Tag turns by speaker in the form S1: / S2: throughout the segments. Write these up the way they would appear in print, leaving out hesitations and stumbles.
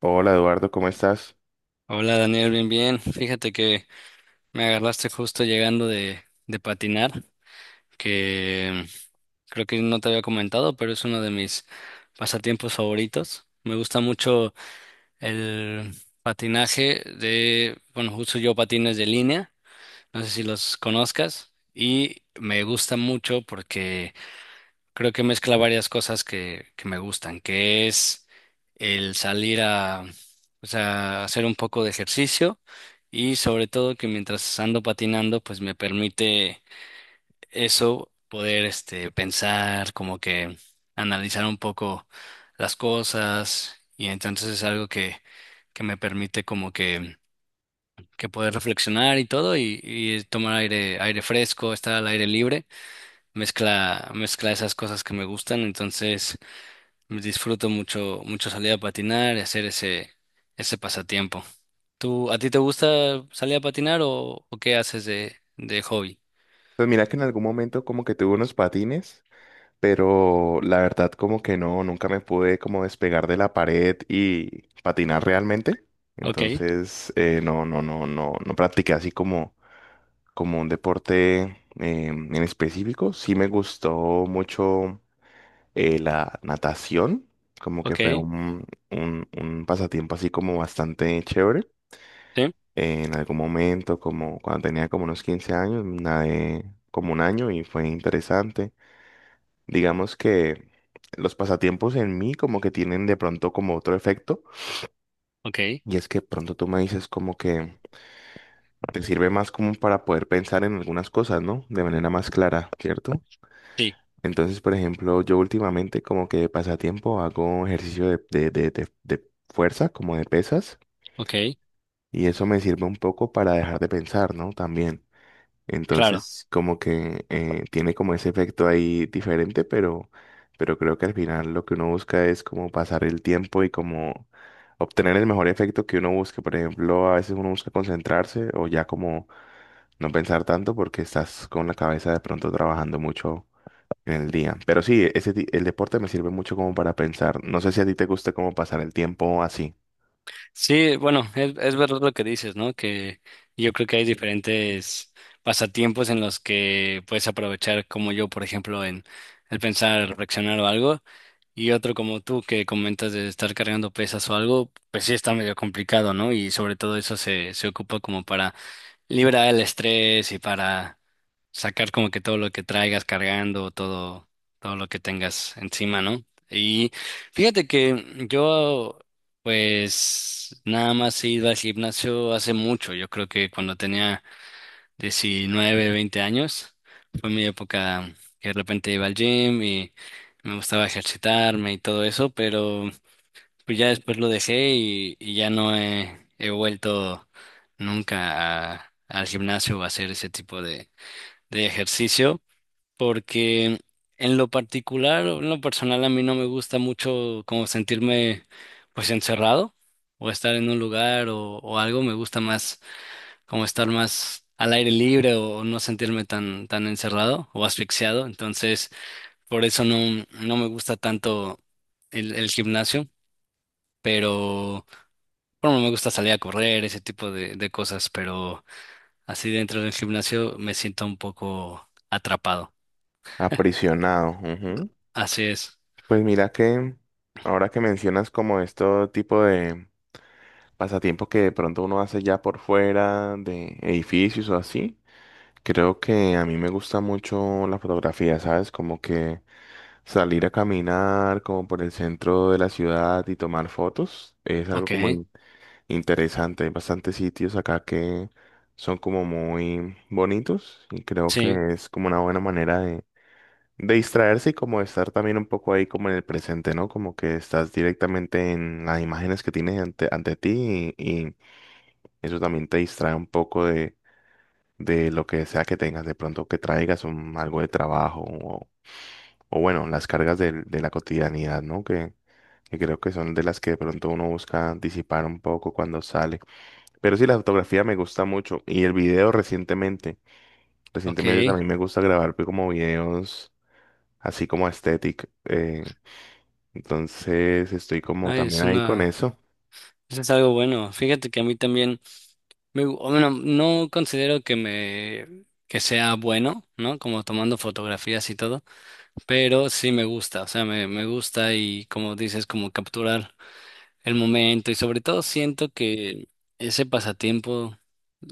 S1: Hola Eduardo, ¿cómo estás?
S2: Hola, Daniel, bien, bien. Fíjate que me agarraste justo llegando de patinar, que creo que no te había comentado, pero es uno de mis pasatiempos favoritos. Me gusta mucho el patinaje de, bueno, uso yo patines de línea. No sé si los conozcas, y me gusta mucho porque creo que mezcla varias cosas que me gustan, que es el salir a, pues, a hacer un poco de ejercicio. Y sobre todo que mientras ando patinando, pues me permite eso, poder pensar, como que analizar un poco las cosas, y entonces es algo que me permite como que poder reflexionar y todo, y, tomar aire, aire fresco, estar al aire libre. Mezcla, mezcla esas cosas que me gustan. Entonces, disfruto mucho, mucho salir a patinar y hacer ese pasatiempo. ¿A ti te gusta salir a patinar o qué haces de hobby?
S1: Pues mira que en algún momento como que tuve unos patines, pero la verdad como que no, nunca me pude como despegar de la pared y patinar realmente.
S2: Ok,
S1: Entonces, no, no, no, no, no practiqué así como, como un deporte en específico. Sí me gustó mucho la natación, como que
S2: ok,
S1: fue un, un pasatiempo así como bastante chévere.
S2: sí,
S1: En algún momento, como cuando tenía como unos 15 años, nadé como un año y fue interesante. Digamos que los pasatiempos en mí como que tienen de pronto como otro efecto
S2: ok,
S1: y es que pronto tú me dices como que te sirve más como para poder pensar en algunas cosas, ¿no? De manera más clara, ¿cierto?
S2: sí,
S1: Entonces, por ejemplo, yo últimamente como que de pasatiempo hago ejercicio de fuerza, como de pesas,
S2: ok,
S1: y eso me sirve un poco para dejar de pensar, ¿no? También.
S2: claro.
S1: Entonces, como que tiene como ese efecto ahí diferente, pero creo que al final lo que uno busca es como pasar el tiempo y como obtener el mejor efecto que uno busque. Por ejemplo, a veces uno busca concentrarse o ya como no pensar tanto porque estás con la cabeza de pronto trabajando mucho en el día. Pero sí, ese, el deporte me sirve mucho como para pensar. No sé si a ti te gusta como pasar el tiempo así.
S2: Sí, bueno, es verdad lo que dices, ¿no? Que yo creo que hay
S1: Mm.
S2: diferentes pasatiempos en los que puedes aprovechar, como yo, por ejemplo, en el pensar, reflexionar o algo, y otro como tú, que comentas de estar cargando pesas o algo. Pues sí, está medio complicado, ¿no? Y sobre todo eso se ocupa como para libra el estrés y para sacar como que todo lo que traigas cargando, todo, todo lo que tengas encima, ¿no? Y fíjate que yo, pues, nada más he ido al gimnasio hace mucho. Yo creo que cuando tenía 19, 20 años, fue mi época que de repente iba al gym y me gustaba ejercitarme y todo eso, pero pues ya después lo dejé, y ya no he vuelto nunca al gimnasio o a hacer ese tipo de, ejercicio, porque en lo particular, o en lo personal, a mí no me gusta mucho como sentirme pues encerrado o estar en un lugar o algo. Me gusta más como estar más al aire libre o no sentirme tan, tan encerrado o asfixiado. Entonces, por eso no me gusta tanto el gimnasio, pero. Bueno, me gusta salir a correr, ese tipo de cosas, pero así dentro del gimnasio me siento un poco atrapado.
S1: Aprisionado, ujú.
S2: Así es.
S1: Pues mira que ahora que mencionas como este tipo de pasatiempos que de pronto uno hace ya por fuera de edificios o así. Creo que a mí me gusta mucho la fotografía, ¿sabes? Como que salir a caminar como por el centro de la ciudad y tomar fotos es algo
S2: Ok,
S1: como interesante. Hay bastantes sitios acá que son como muy bonitos y creo
S2: sí,
S1: que es como una buena manera de distraerse y como de estar también un poco ahí como en el presente, ¿no? Como que estás directamente en las imágenes que tienes ante, ante ti y eso también te distrae un poco de lo que sea que tengas, de pronto que traigas un, algo de trabajo o bueno, las cargas de la cotidianidad, ¿no? Que creo que son de las que de pronto uno busca disipar un poco cuando sale. Pero sí, la fotografía me gusta mucho y el video recientemente, recientemente
S2: ok.
S1: también me gusta grabar pues, como videos así como aesthetic. Entonces estoy como
S2: Ay,
S1: también ahí con eso.
S2: eso es algo bueno. Fíjate que a mí también, bueno, no considero que que sea bueno, ¿no? Como tomando fotografías y todo, pero sí me gusta, o sea, me gusta, y como dices, como capturar el momento. Y sobre todo siento que ese pasatiempo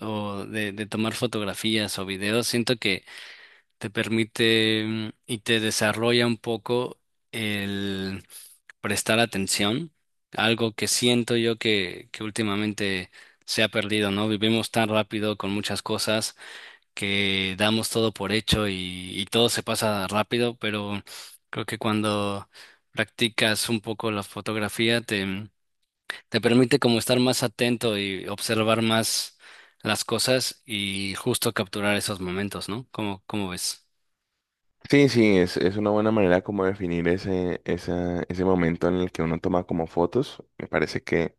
S2: o de tomar fotografías o videos, siento que te permite, y te desarrolla un poco el prestar atención, algo que siento yo que últimamente se ha perdido, ¿no? Vivimos tan rápido con muchas cosas que damos todo por hecho, y todo se pasa rápido, pero creo que cuando practicas un poco la fotografía te permite como estar más atento y observar más las cosas, y justo capturar esos momentos, ¿no? ¿Cómo ves?
S1: Sí, sí, es una buena manera como definir ese, ese momento en el que uno toma como fotos. Me parece que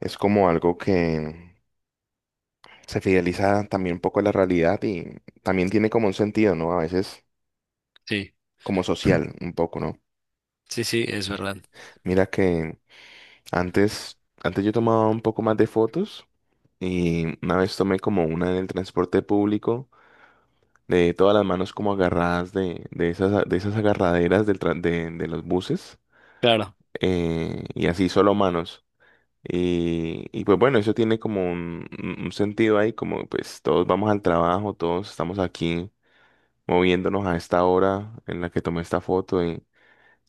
S1: es como algo que se fideliza también un poco a la realidad y también tiene como un sentido, ¿no? A veces
S2: Sí,
S1: como social un poco, ¿no?
S2: sí, sí, es verdad.
S1: Mira que antes, antes yo tomaba un poco más de fotos y una vez tomé como una en el transporte público de todas las manos como agarradas de esas agarraderas de los buses
S2: Claro.
S1: y así solo manos. Y pues bueno, eso tiene como un, un sentido ahí, como pues todos vamos al trabajo, todos estamos aquí moviéndonos a esta hora en la que tomé esta foto y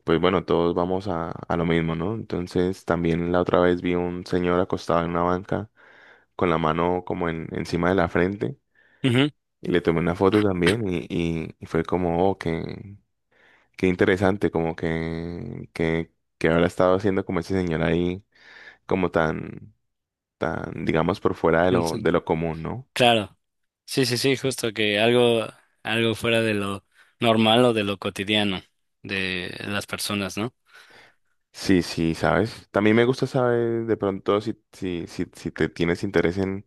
S1: pues bueno, todos vamos a lo mismo, ¿no? Entonces también la otra vez vi un señor acostado en una banca con la mano como en, encima de la frente
S2: Ujú.
S1: y le tomé una foto también y fue como, oh, qué, qué interesante, como que habrá estado haciendo como ese señor ahí, como tan... tan, digamos, por fuera
S2: Entonces.
S1: de lo común, ¿no?
S2: Claro. Sí, sí, sí, justo que algo, algo fuera de lo normal o de lo cotidiano de las personas, ¿no?
S1: Sí, sí, ¿sabes? También me gusta saber de pronto si te tienes interés en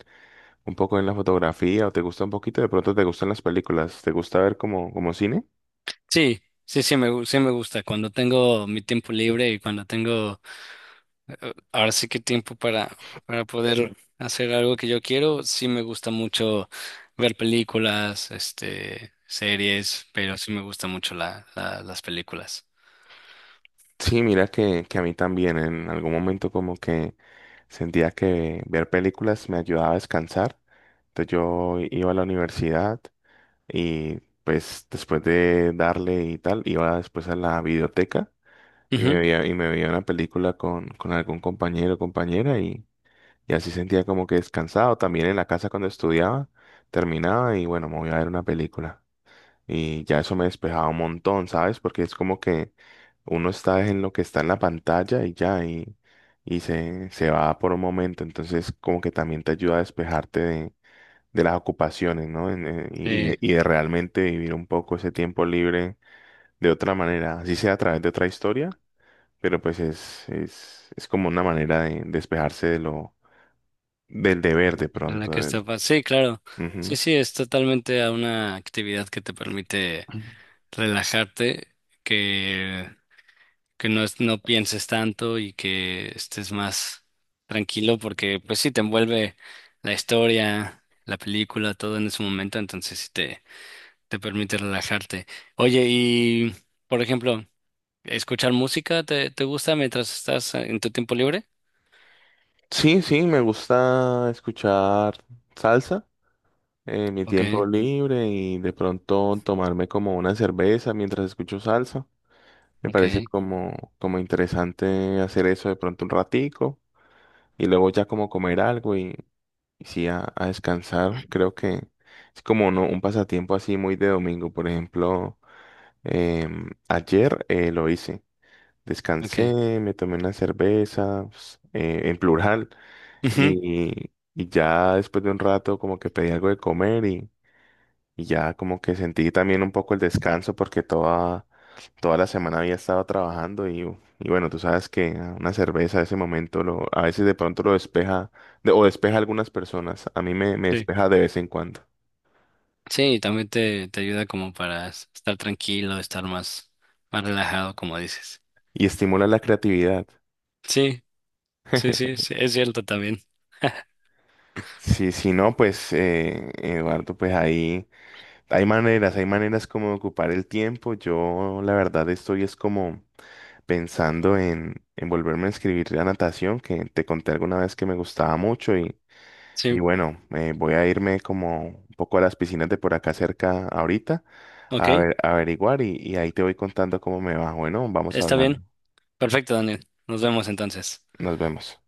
S1: un poco en la fotografía o te gusta un poquito, de pronto te gustan las películas, ¿te gusta ver como, como cine?
S2: Sí, sí, sí me gusta. Cuando tengo mi tiempo libre y cuando tengo ahora sí que tiempo para poder hacer algo que yo quiero. Sí me gusta mucho ver películas, series, pero sí me gusta mucho las películas.
S1: Sí, mira que a mí también en algún momento como que sentía que ver películas me ayudaba a descansar. Entonces yo iba a la universidad y pues después de darle y tal, iba después a la biblioteca y me
S2: Ujú.
S1: veía, y me veía una película con algún compañero o compañera y así sentía como que descansado. También en la casa cuando estudiaba, terminaba y bueno, me voy a ver una película. Y ya eso me despejaba un montón, ¿sabes? Porque es como que uno está en lo que está en la pantalla y ya, y se va por un momento. Entonces como que también te ayuda a despejarte de las ocupaciones, ¿no? Y
S2: Sí,
S1: y de realmente vivir un poco ese tiempo libre de otra manera, así sea a través de otra historia pero pues es como una manera de despejarse de lo, del deber de
S2: en la
S1: pronto.
S2: que
S1: De-
S2: está, sí, claro. Sí,
S1: Ujú.
S2: sí, es totalmente a una actividad que te permite relajarte, que que no pienses tanto, y que estés más tranquilo, porque pues sí te envuelve la historia, la película, todo en ese momento, entonces sí te permite relajarte. Oye, y por ejemplo, ¿escuchar música te gusta mientras estás en tu tiempo libre?
S1: Sí, sí, me gusta escuchar salsa en mi
S2: Ok,
S1: tiempo libre y de pronto tomarme como una cerveza mientras escucho salsa. Me
S2: ok,
S1: parece como, como interesante hacer eso de pronto un ratico y luego ya como comer algo y sí a descansar. Creo que es como no, un pasatiempo así muy de domingo, por ejemplo. Ayer lo hice.
S2: ok.
S1: Descansé, me tomé una cerveza, pues, en plural,
S2: Ujú.
S1: y ya después de un rato como que pedí algo de comer y ya como que sentí también un poco el descanso porque toda, toda la semana había estado trabajando y bueno, tú sabes que una cerveza a ese momento lo, a veces de pronto lo despeja o despeja a algunas personas. A mí me, me
S2: Sí.
S1: despeja de vez en cuando
S2: Sí, también te ayuda como para estar tranquilo, estar más, más relajado, como dices.
S1: y estimula la creatividad.
S2: Sí, sí, sí, sí, es cierto también.
S1: Sí, si no, pues Eduardo, pues ahí. Hay maneras como de ocupar el tiempo. Yo la verdad estoy es como pensando en volverme a inscribir a natación, que te conté alguna vez que me gustaba mucho y
S2: Sí,
S1: bueno, voy a irme como un poco a las piscinas de por acá cerca ahorita
S2: ok.
S1: a ver, a averiguar y ahí te voy contando cómo me va. Bueno, vamos
S2: Está bien.
S1: hablando.
S2: Perfecto, Daniel. Nos vemos entonces.
S1: Nos vemos.